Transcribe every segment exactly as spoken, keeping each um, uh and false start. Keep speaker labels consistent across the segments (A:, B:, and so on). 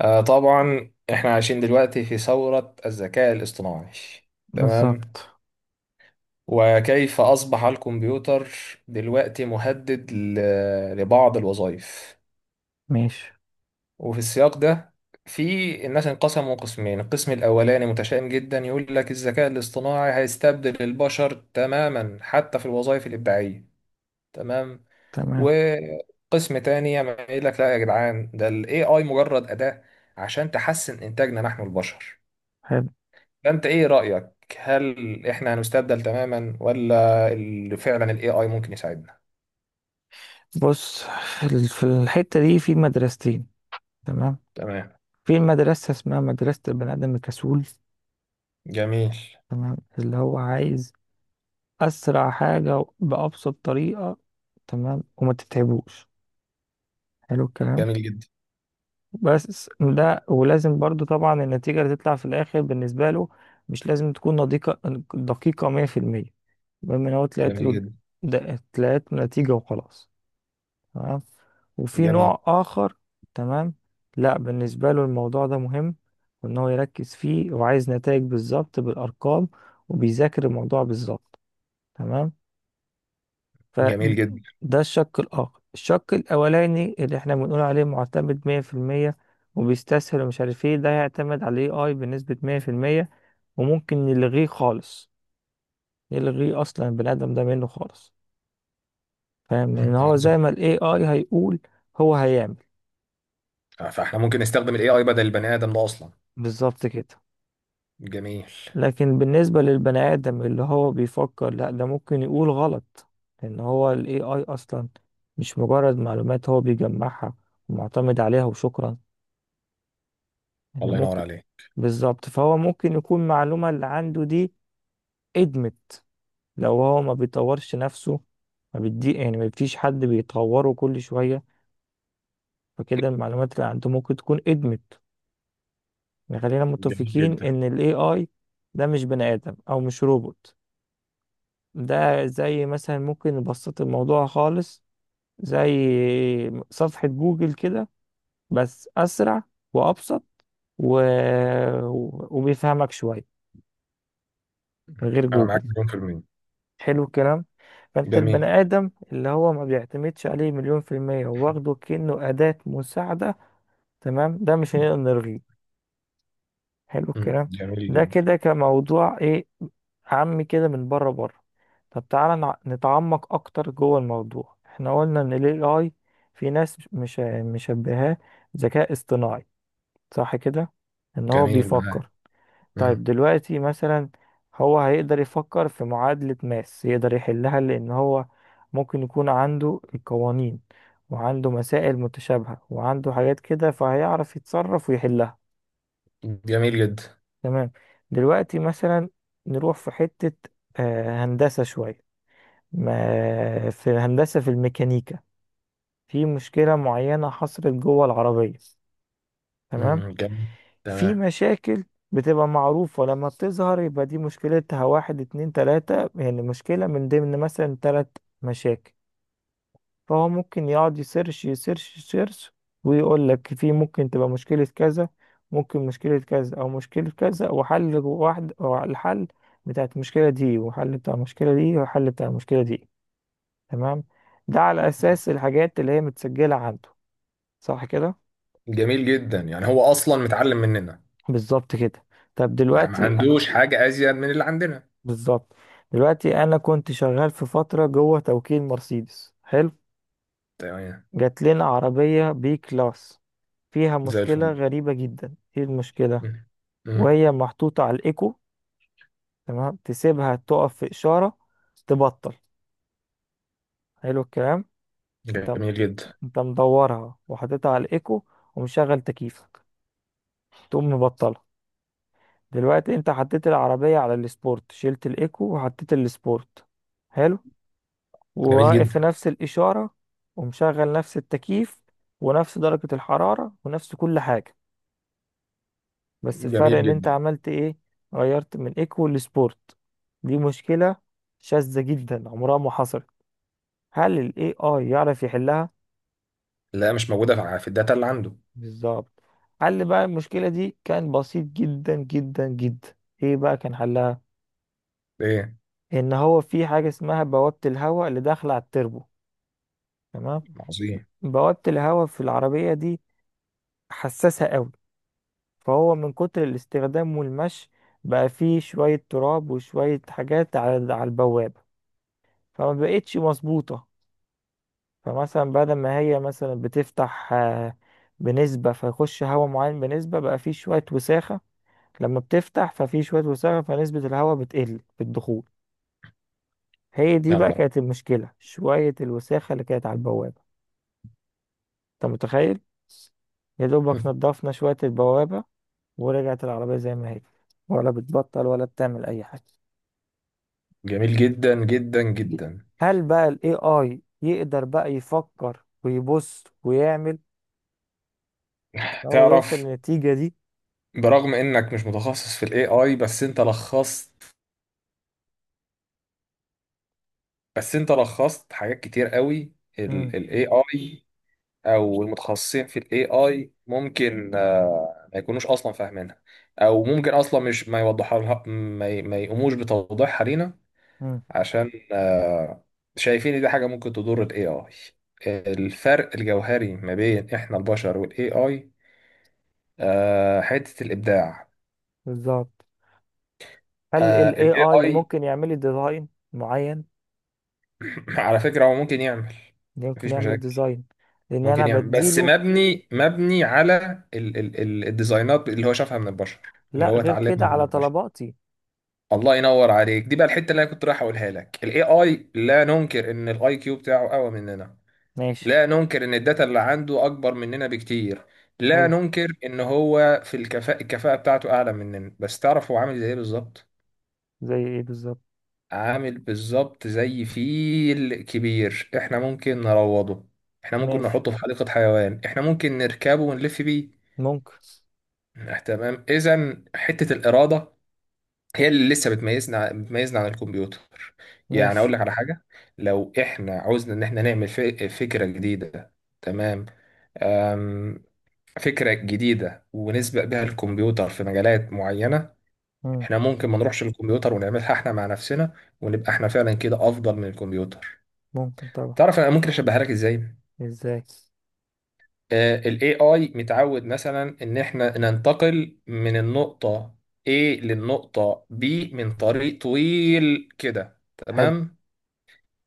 A: آه طبعا احنا عايشين دلوقتي في ثورة الذكاء الاصطناعي. تمام.
B: بالظبط.
A: وكيف أصبح الكمبيوتر دلوقتي مهدد ل- لبعض الوظائف.
B: ماشي.
A: وفي السياق ده في الناس انقسموا قسمين، القسم الأولاني متشائم جدا، يقول لك الذكاء الاصطناعي هيستبدل البشر تماما حتى في الوظائف الإبداعية. تمام.
B: تمام.
A: وقسم تاني يعمل يقول لك لا يا جدعان، ده ال إيه آي مجرد أداة عشان تحسن إنتاجنا نحن البشر.
B: حلو.
A: فانت ايه رأيك؟ هل احنا هنستبدل تماما، ولا ال- فعلا الاي اي ممكن يساعدنا؟
B: بص في ال- في الحتة دي في مدرستين. تمام.
A: تمام.
B: في مدرسة اسمها مدرسة البني آدم الكسول.
A: جميل.
B: تمام، اللي هو عايز أسرع حاجة بأبسط طريقة، تمام، وما تتعبوش. حلو الكلام.
A: جميل جدا.
B: بس ده، ولازم برضو طبعا النتيجة اللي تطلع في الآخر بالنسبة له مش لازم تكون دقيقة، دقيقة مية في المية. المهم إن هو طلعت
A: جميل
B: له،
A: جدا.
B: ده- طلعت له نتيجة وخلاص. تمام. وفي
A: جميل.
B: نوع آخر. تمام. لا، بالنسبة له الموضوع ده مهم، وإن هو يركز فيه وعايز نتائج بالظبط بالأرقام، وبيذاكر الموضوع بالظبط. تمام.
A: جميل جدا.
B: فده الشق الآخر. الشق الأولاني اللي إحنا بنقول عليه معتمد مية في المية وبيستسهل ومش عارف إيه، ده هيعتمد على ال إيه آي بنسبة مية في المية. وممكن نلغيه خالص، نلغيه أصلا البني آدم ده منه خالص. فاهم؟ لأن
A: مم،
B: هو زي
A: عظم.
B: ما ال A I هيقول، هو هيعمل.
A: فاحنا ممكن نستخدم الاي اي بدل البني ادم ده اصلا.
B: بالظبط كده.
A: جميل.
B: لكن بالنسبة للبني آدم اللي هو بيفكر، لا ده ممكن يقول غلط، لأن هو ال A I أصلا مش مجرد معلومات هو بيجمعها ومعتمد عليها وشكرا، إن
A: الله ينور
B: ممكن.
A: عليك.
B: بالظبط، فهو ممكن يكون المعلومة اللي عنده دي ادمت، لو هو ما بيطورش نفسه، ما بيدي يعني ما فيش حد بيطوره كل شوية، فكده المعلومات اللي عنده ممكن تكون ادمت. يعني خلينا
A: جميل
B: متفقين
A: جدا.
B: إن ال إيه آي ده مش بني آدم أو مش روبوت. ده زي مثلا، ممكن نبسط الموضوع خالص، زي صفحة جوجل كده، بس أسرع وأبسط و... وبيفهمك شوية غير
A: انا
B: جوجل.
A: معاك مليون في المية.
B: حلو الكلام. فأنت البني
A: جميل.
B: آدم اللي هو ما بيعتمدش عليه مليون في المية وواخده كأنه أداة مساعدة، تمام، ده مش هنقدر نلغيه. حلو
A: مم،
B: الكلام.
A: جميل
B: ده
A: جدا.
B: كده كموضوع ايه، عامي كده من بره بره. طب تعالى نع- نتعمق اكتر جوه الموضوع. احنا قلنا ان ال إيه آي، في ناس مش مشبهاه ذكاء اصطناعي صح كده، ان هو
A: جميل. معاك.
B: بيفكر. طيب
A: مم،
B: دلوقتي مثلا، هو هيقدر يفكر في معادلة ماس، يقدر يحلها، لان هو ممكن يكون عنده القوانين وعنده مسائل متشابهة وعنده حاجات كده، فهيعرف يتصرف ويحلها.
A: جميل جدا.
B: تمام. دلوقتي مثلا، نروح في حتة، آه، هندسة شوية، ما في هندسة في الميكانيكا، في مشكلة معينة حصلت جوه العربية. تمام.
A: مم، جميل.
B: في
A: تمام.
B: مشاكل بتبقى معروفة، لما بتظهر يبقى دي مشكلتها واحد اتنين تلاتة، يعني مشكلة من ضمن مثلا تلات مشاكل. فهو ممكن يقعد يسيرش يسيرش يسيرش، ويقول لك في ممكن تبقى مشكلة كذا، ممكن مشكلة كذا أو مشكلة كذا، وحل واحد أو الحل بتاع المشكلة دي، وحل بتاع المشكلة دي، وحل بتاع المشكلة دي. تمام. ده على أساس الحاجات اللي هي متسجلة عنده صح كده.
A: جميل جدا. يعني هو اصلا متعلم مننا.
B: بالظبط كده. طب
A: يعني ما
B: دلوقتي،
A: عندوش حاجة ازيد من اللي عندنا.
B: بالظبط، دلوقتي أنا كنت شغال في فترة جوه توكيل مرسيدس. حلو.
A: تمام.
B: جات لنا عربية بي كلاس فيها
A: زي
B: مشكلة
A: الفل.
B: غريبة جدا. ايه المشكلة؟
A: مم. مم.
B: وهي محطوطة على الإيكو، تمام، تسيبها تقف في إشارة، تبطل. حلو الكلام. أنت
A: جميل جدا.
B: أنت مدورها وحطيتها على الإيكو ومشغل تكييفك، تقوم مبطلها. دلوقتي أنت حطيت العربية على السبورت، شلت الإيكو وحطيت السبورت، حلو،
A: جميل
B: وواقف في
A: جدا.
B: نفس الإشارة ومشغل نفس التكييف ونفس درجة الحرارة ونفس كل حاجة، بس الفرق
A: جميل
B: إن أنت
A: جدا.
B: عملت إيه؟ غيرت من إيكو لسبورت. دي مشكلة شاذة جدا عمرها ما حصلت. هل ال إيه آي يعرف يحلها؟
A: لا، مش موجودة في في الداتا اللي عنده.
B: بالظبط. حل بقى المشكلة دي كان بسيط جدا جدا جدا. ايه بقى كان حلها؟
A: ايه.
B: ان هو في حاجة اسمها بوابة الهواء اللي داخلة على التربو. تمام.
A: عظيم.
B: بوابة الهواء في العربية دي حساسة قوي، فهو من كتر الاستخدام والمشي بقى فيه شوية تراب وشوية حاجات على على البوابة، فما بقتش مظبوطة. فمثلا بدل ما هي مثلا بتفتح آه، بنسبة فيخش هواء معين بنسبة، بقى فيه شوية وساخة، لما بتفتح ففي شوية وساخة فنسبة الهواء بتقل في الدخول. هي دي
A: يا
B: بقى
A: نهار
B: كانت المشكلة، شوية الوساخة اللي كانت على البوابة. انت متخيل؟ يا دوبك
A: أبيض.
B: نضفنا شوية البوابة ورجعت العربية زي ما هي، ولا بتبطل ولا بتعمل أي حاجة.
A: جميل جدا جدا جدا.
B: هل بقى ال A I يقدر بقى يفكر ويبص ويعمل إن هو يوصل
A: تعرف،
B: للنتيجة دي؟
A: برغم انك مش متخصص في الاي اي، بس انت لخصت بس انت لخصت حاجات كتير قوي.
B: مم.
A: الاي اي او المتخصصين في الاي اي ممكن آه، ما يكونوش اصلا فاهمينها. او ممكن اصلا مش ما يوضحها لها، ما ي- ما يقوموش بتوضيحها لينا.
B: مم.
A: عشان آه، شايفين ان دي حاجة ممكن تضر ال A I. الفرق الجوهري ما بين احنا البشر وال إيه آي، آه، حتة الإبداع.
B: بالظبط. هل
A: آه،
B: ال
A: ال
B: إيه آي
A: إيه آي
B: ممكن يعمل لي ديزاين معين؟
A: على فكرة هو ممكن يعمل،
B: يمكن
A: مفيش
B: يعمل
A: مشاكل.
B: ديزاين، لأن أنا
A: ممكن يعمل بس
B: بديله،
A: مبني مبني على ال ال ال الديزاينات اللي هو شافها من البشر، اللي
B: لا
A: هو
B: غير كده،
A: اتعلمها من
B: على
A: البشر.
B: طلباتي.
A: الله ينور عليك. دي بقى الحتة اللي انا كنت رايح اقولها لك. ال إيه آي لا ننكر ان الاي كيو بتاعه اقوى مننا،
B: ماشي.
A: لا ننكر ان الداتا اللي عنده اكبر مننا بكتير، لا
B: حلو.
A: ننكر ان هو في الكفاءة، الكفاءة بتاعته اعلى مننا. بس تعرف هو عامل زي ايه بالظبط؟
B: زي ايه بالظبط؟
A: عامل بالظبط زي فيل كبير. احنا ممكن نروضه، احنا ممكن
B: ماشي.
A: نحطه في حديقة حيوان، احنا ممكن نركبه ونلف بيه.
B: ممكن.
A: آه، تمام، اذا حتة الإرادة هي اللي لسه بتميزنا بتميزنا عن الكمبيوتر. يعني اقول
B: ماشي.
A: لك على حاجة، لو احنا عاوزنا ان احنا نعمل ف- فكرة جديدة. تمام. فكرة جديدة ونسبق بها الكمبيوتر في مجالات معينة.
B: مم.
A: احنا ممكن ما نروحش للكمبيوتر ونعملها احنا مع نفسنا، ونبقى احنا فعلا كده افضل من الكمبيوتر.
B: ممكن طبعا.
A: تعرف انا ممكن اشبهها لك ازاي؟
B: ازاي؟
A: آه، ال A I متعود مثلا ان احنا ننتقل من النقطة A للنقطة B من طريق طويل كده.
B: حلو.
A: تمام.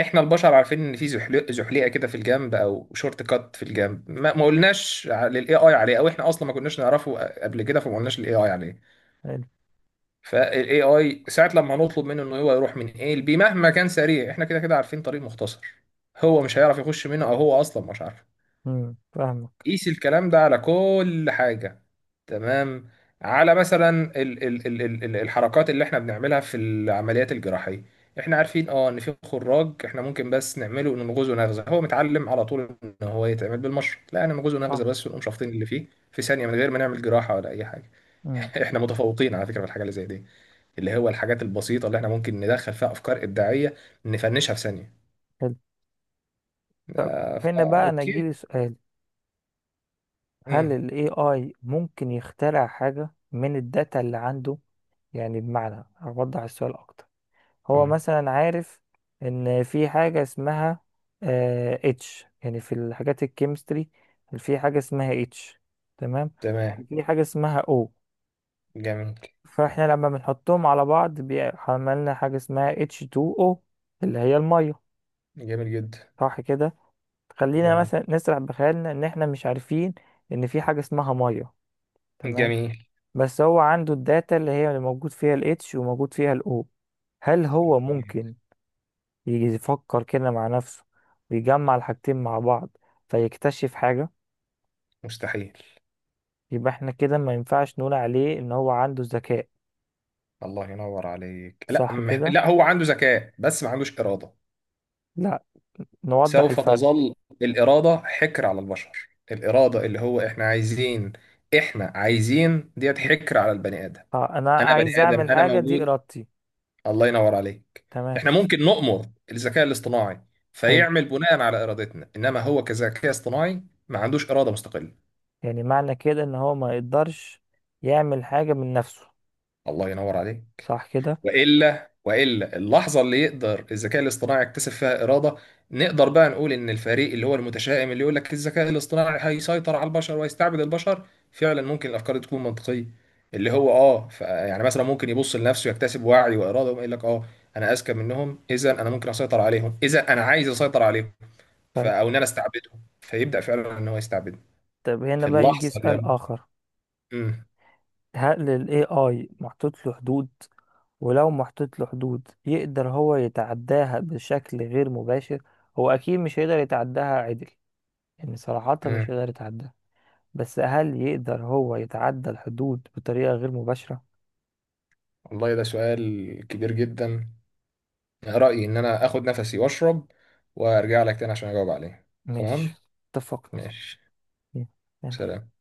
A: احنا البشر عارفين ان في زحلي- زحليقه كده في الجنب، او شورت كات في الجنب، ما ما قلناش للاي اي عليه، او احنا اصلا ما كناش نعرفه قبل كده، فما قلناش للاي اي عليه.
B: حلو.
A: فالاي اي ساعه لما هنطلب منه انه هو يروح من ايه لبي، مهما كان سريع، احنا كده كده عارفين طريق مختصر. هو مش هيعرف يخش منه، او هو اصلا مش عارف.
B: مم. فاهمك.
A: قيس الكلام ده على كل حاجه. تمام. على مثلا ال ال ال ال ال- الحركات اللي احنا بنعملها في العمليات الجراحيه. احنا عارفين اه ان في خراج احنا ممكن بس نعمله، ننغزه نغزه. هو متعلم على طول ان هو يتعمل بالمشرط، لا انا نغزه نغزه
B: صح.
A: بس، ونقوم شافطين اللي فيه في ثانيه، من غير ما نعمل جراحه ولا اي حاجه.
B: مم.
A: احنا متفوقين على فكره في الحاجه اللي زي دي، اللي هو الحاجات البسيطة اللي احنا ممكن ندخل فيها أفكار إبداعية، نفنشها في ثانية.
B: حلو.
A: آه،
B: هنا
A: فا
B: بقى انا
A: أوكي.
B: جيلي سؤال، هل
A: مم.
B: ال إيه آي ممكن يخترع حاجة من الداتا اللي عنده؟ يعني بمعنى اوضح، السؤال اكتر، هو
A: مم.
B: مثلا عارف ان في حاجة اسمها اتش، يعني في الحاجات الكيمستري، في حاجة اسمها اتش، تمام،
A: تمام.
B: وفي حاجة اسمها او،
A: جميل.
B: فاحنا لما بنحطهم على بعض بيعملنا حاجة اسمها اتش اتنين او، اللي هي المية
A: جميل جدا.
B: صح كده. خلينا
A: جميل.
B: مثلا نسرح بخيالنا ان احنا مش عارفين ان في حاجة اسمها مية، تمام،
A: جميل.
B: بس هو عنده الداتا اللي هي اللي موجود فيها الاتش وموجود فيها الاو، هل هو
A: جميل.
B: ممكن يجي يفكر كده مع نفسه ويجمع الحاجتين مع بعض فيكتشف حاجة؟
A: مستحيل.
B: يبقى احنا كده ما ينفعش نقول عليه ان هو عنده ذكاء
A: الله ينور عليك. لا
B: صح
A: مح...
B: كده.
A: لا، هو عنده ذكاء بس ما عندوش إرادة.
B: لا، نوضح
A: سوف
B: الفرق.
A: تظل الإرادة حكر على البشر. الإرادة، اللي هو احنا عايزين، احنا عايزين ديت، حكر على البني آدم.
B: اه، انا
A: أنا بني
B: عايز اعمل
A: آدم أنا
B: حاجة دي
A: موجود.
B: ارادتي.
A: الله ينور عليك.
B: تمام.
A: احنا ممكن نؤمر الذكاء الاصطناعي
B: حلو.
A: فيعمل بناء على ارادتنا، انما هو كذكاء اصطناعي ما عندوش اراده مستقله.
B: يعني معنى كده ان هو ما يقدرش يعمل حاجة من نفسه
A: الله ينور عليك.
B: صح كده.
A: والا والا اللحظه اللي يقدر الذكاء الاصطناعي يكتسب فيها اراده، نقدر بقى نقول ان الفريق اللي هو المتشائم، اللي يقول لك الذكاء الاصطناعي هيسيطر على البشر ويستعبد البشر، فعلا ممكن الافكار دي تكون منطقيه. اللي هو اه ف- يعني مثلا ممكن يبص لنفسه يكتسب وعي واراده، ويقول لك اه انا اذكى منهم، اذا انا ممكن اسيطر عليهم، اذا انا عايز اسيطر عليهم. ف...
B: طيب.
A: او ان انا استعبده، فيبدا فعلا ان هو يستعبده
B: طب هنا
A: في
B: بقى يجي
A: اللحظه
B: سؤال
A: اللي
B: اخر،
A: امم
B: هل ال A I محطوط له حدود؟ ولو محطوط له حدود، يقدر هو يتعداها بشكل غير مباشر؟ هو أكيد مش هيقدر يتعداها عدل، يعني صراحة مش
A: امم
B: هيقدر يتعداها، بس هل يقدر هو يتعدى الحدود بطريقة غير مباشرة؟
A: والله، ده سؤال كبير جدا. رايي ان انا اخد نفسي واشرب وارجع لك تاني عشان اجاوب عليه.
B: ماشي.
A: تمام. ماشي.
B: اتفقنا.
A: سلام.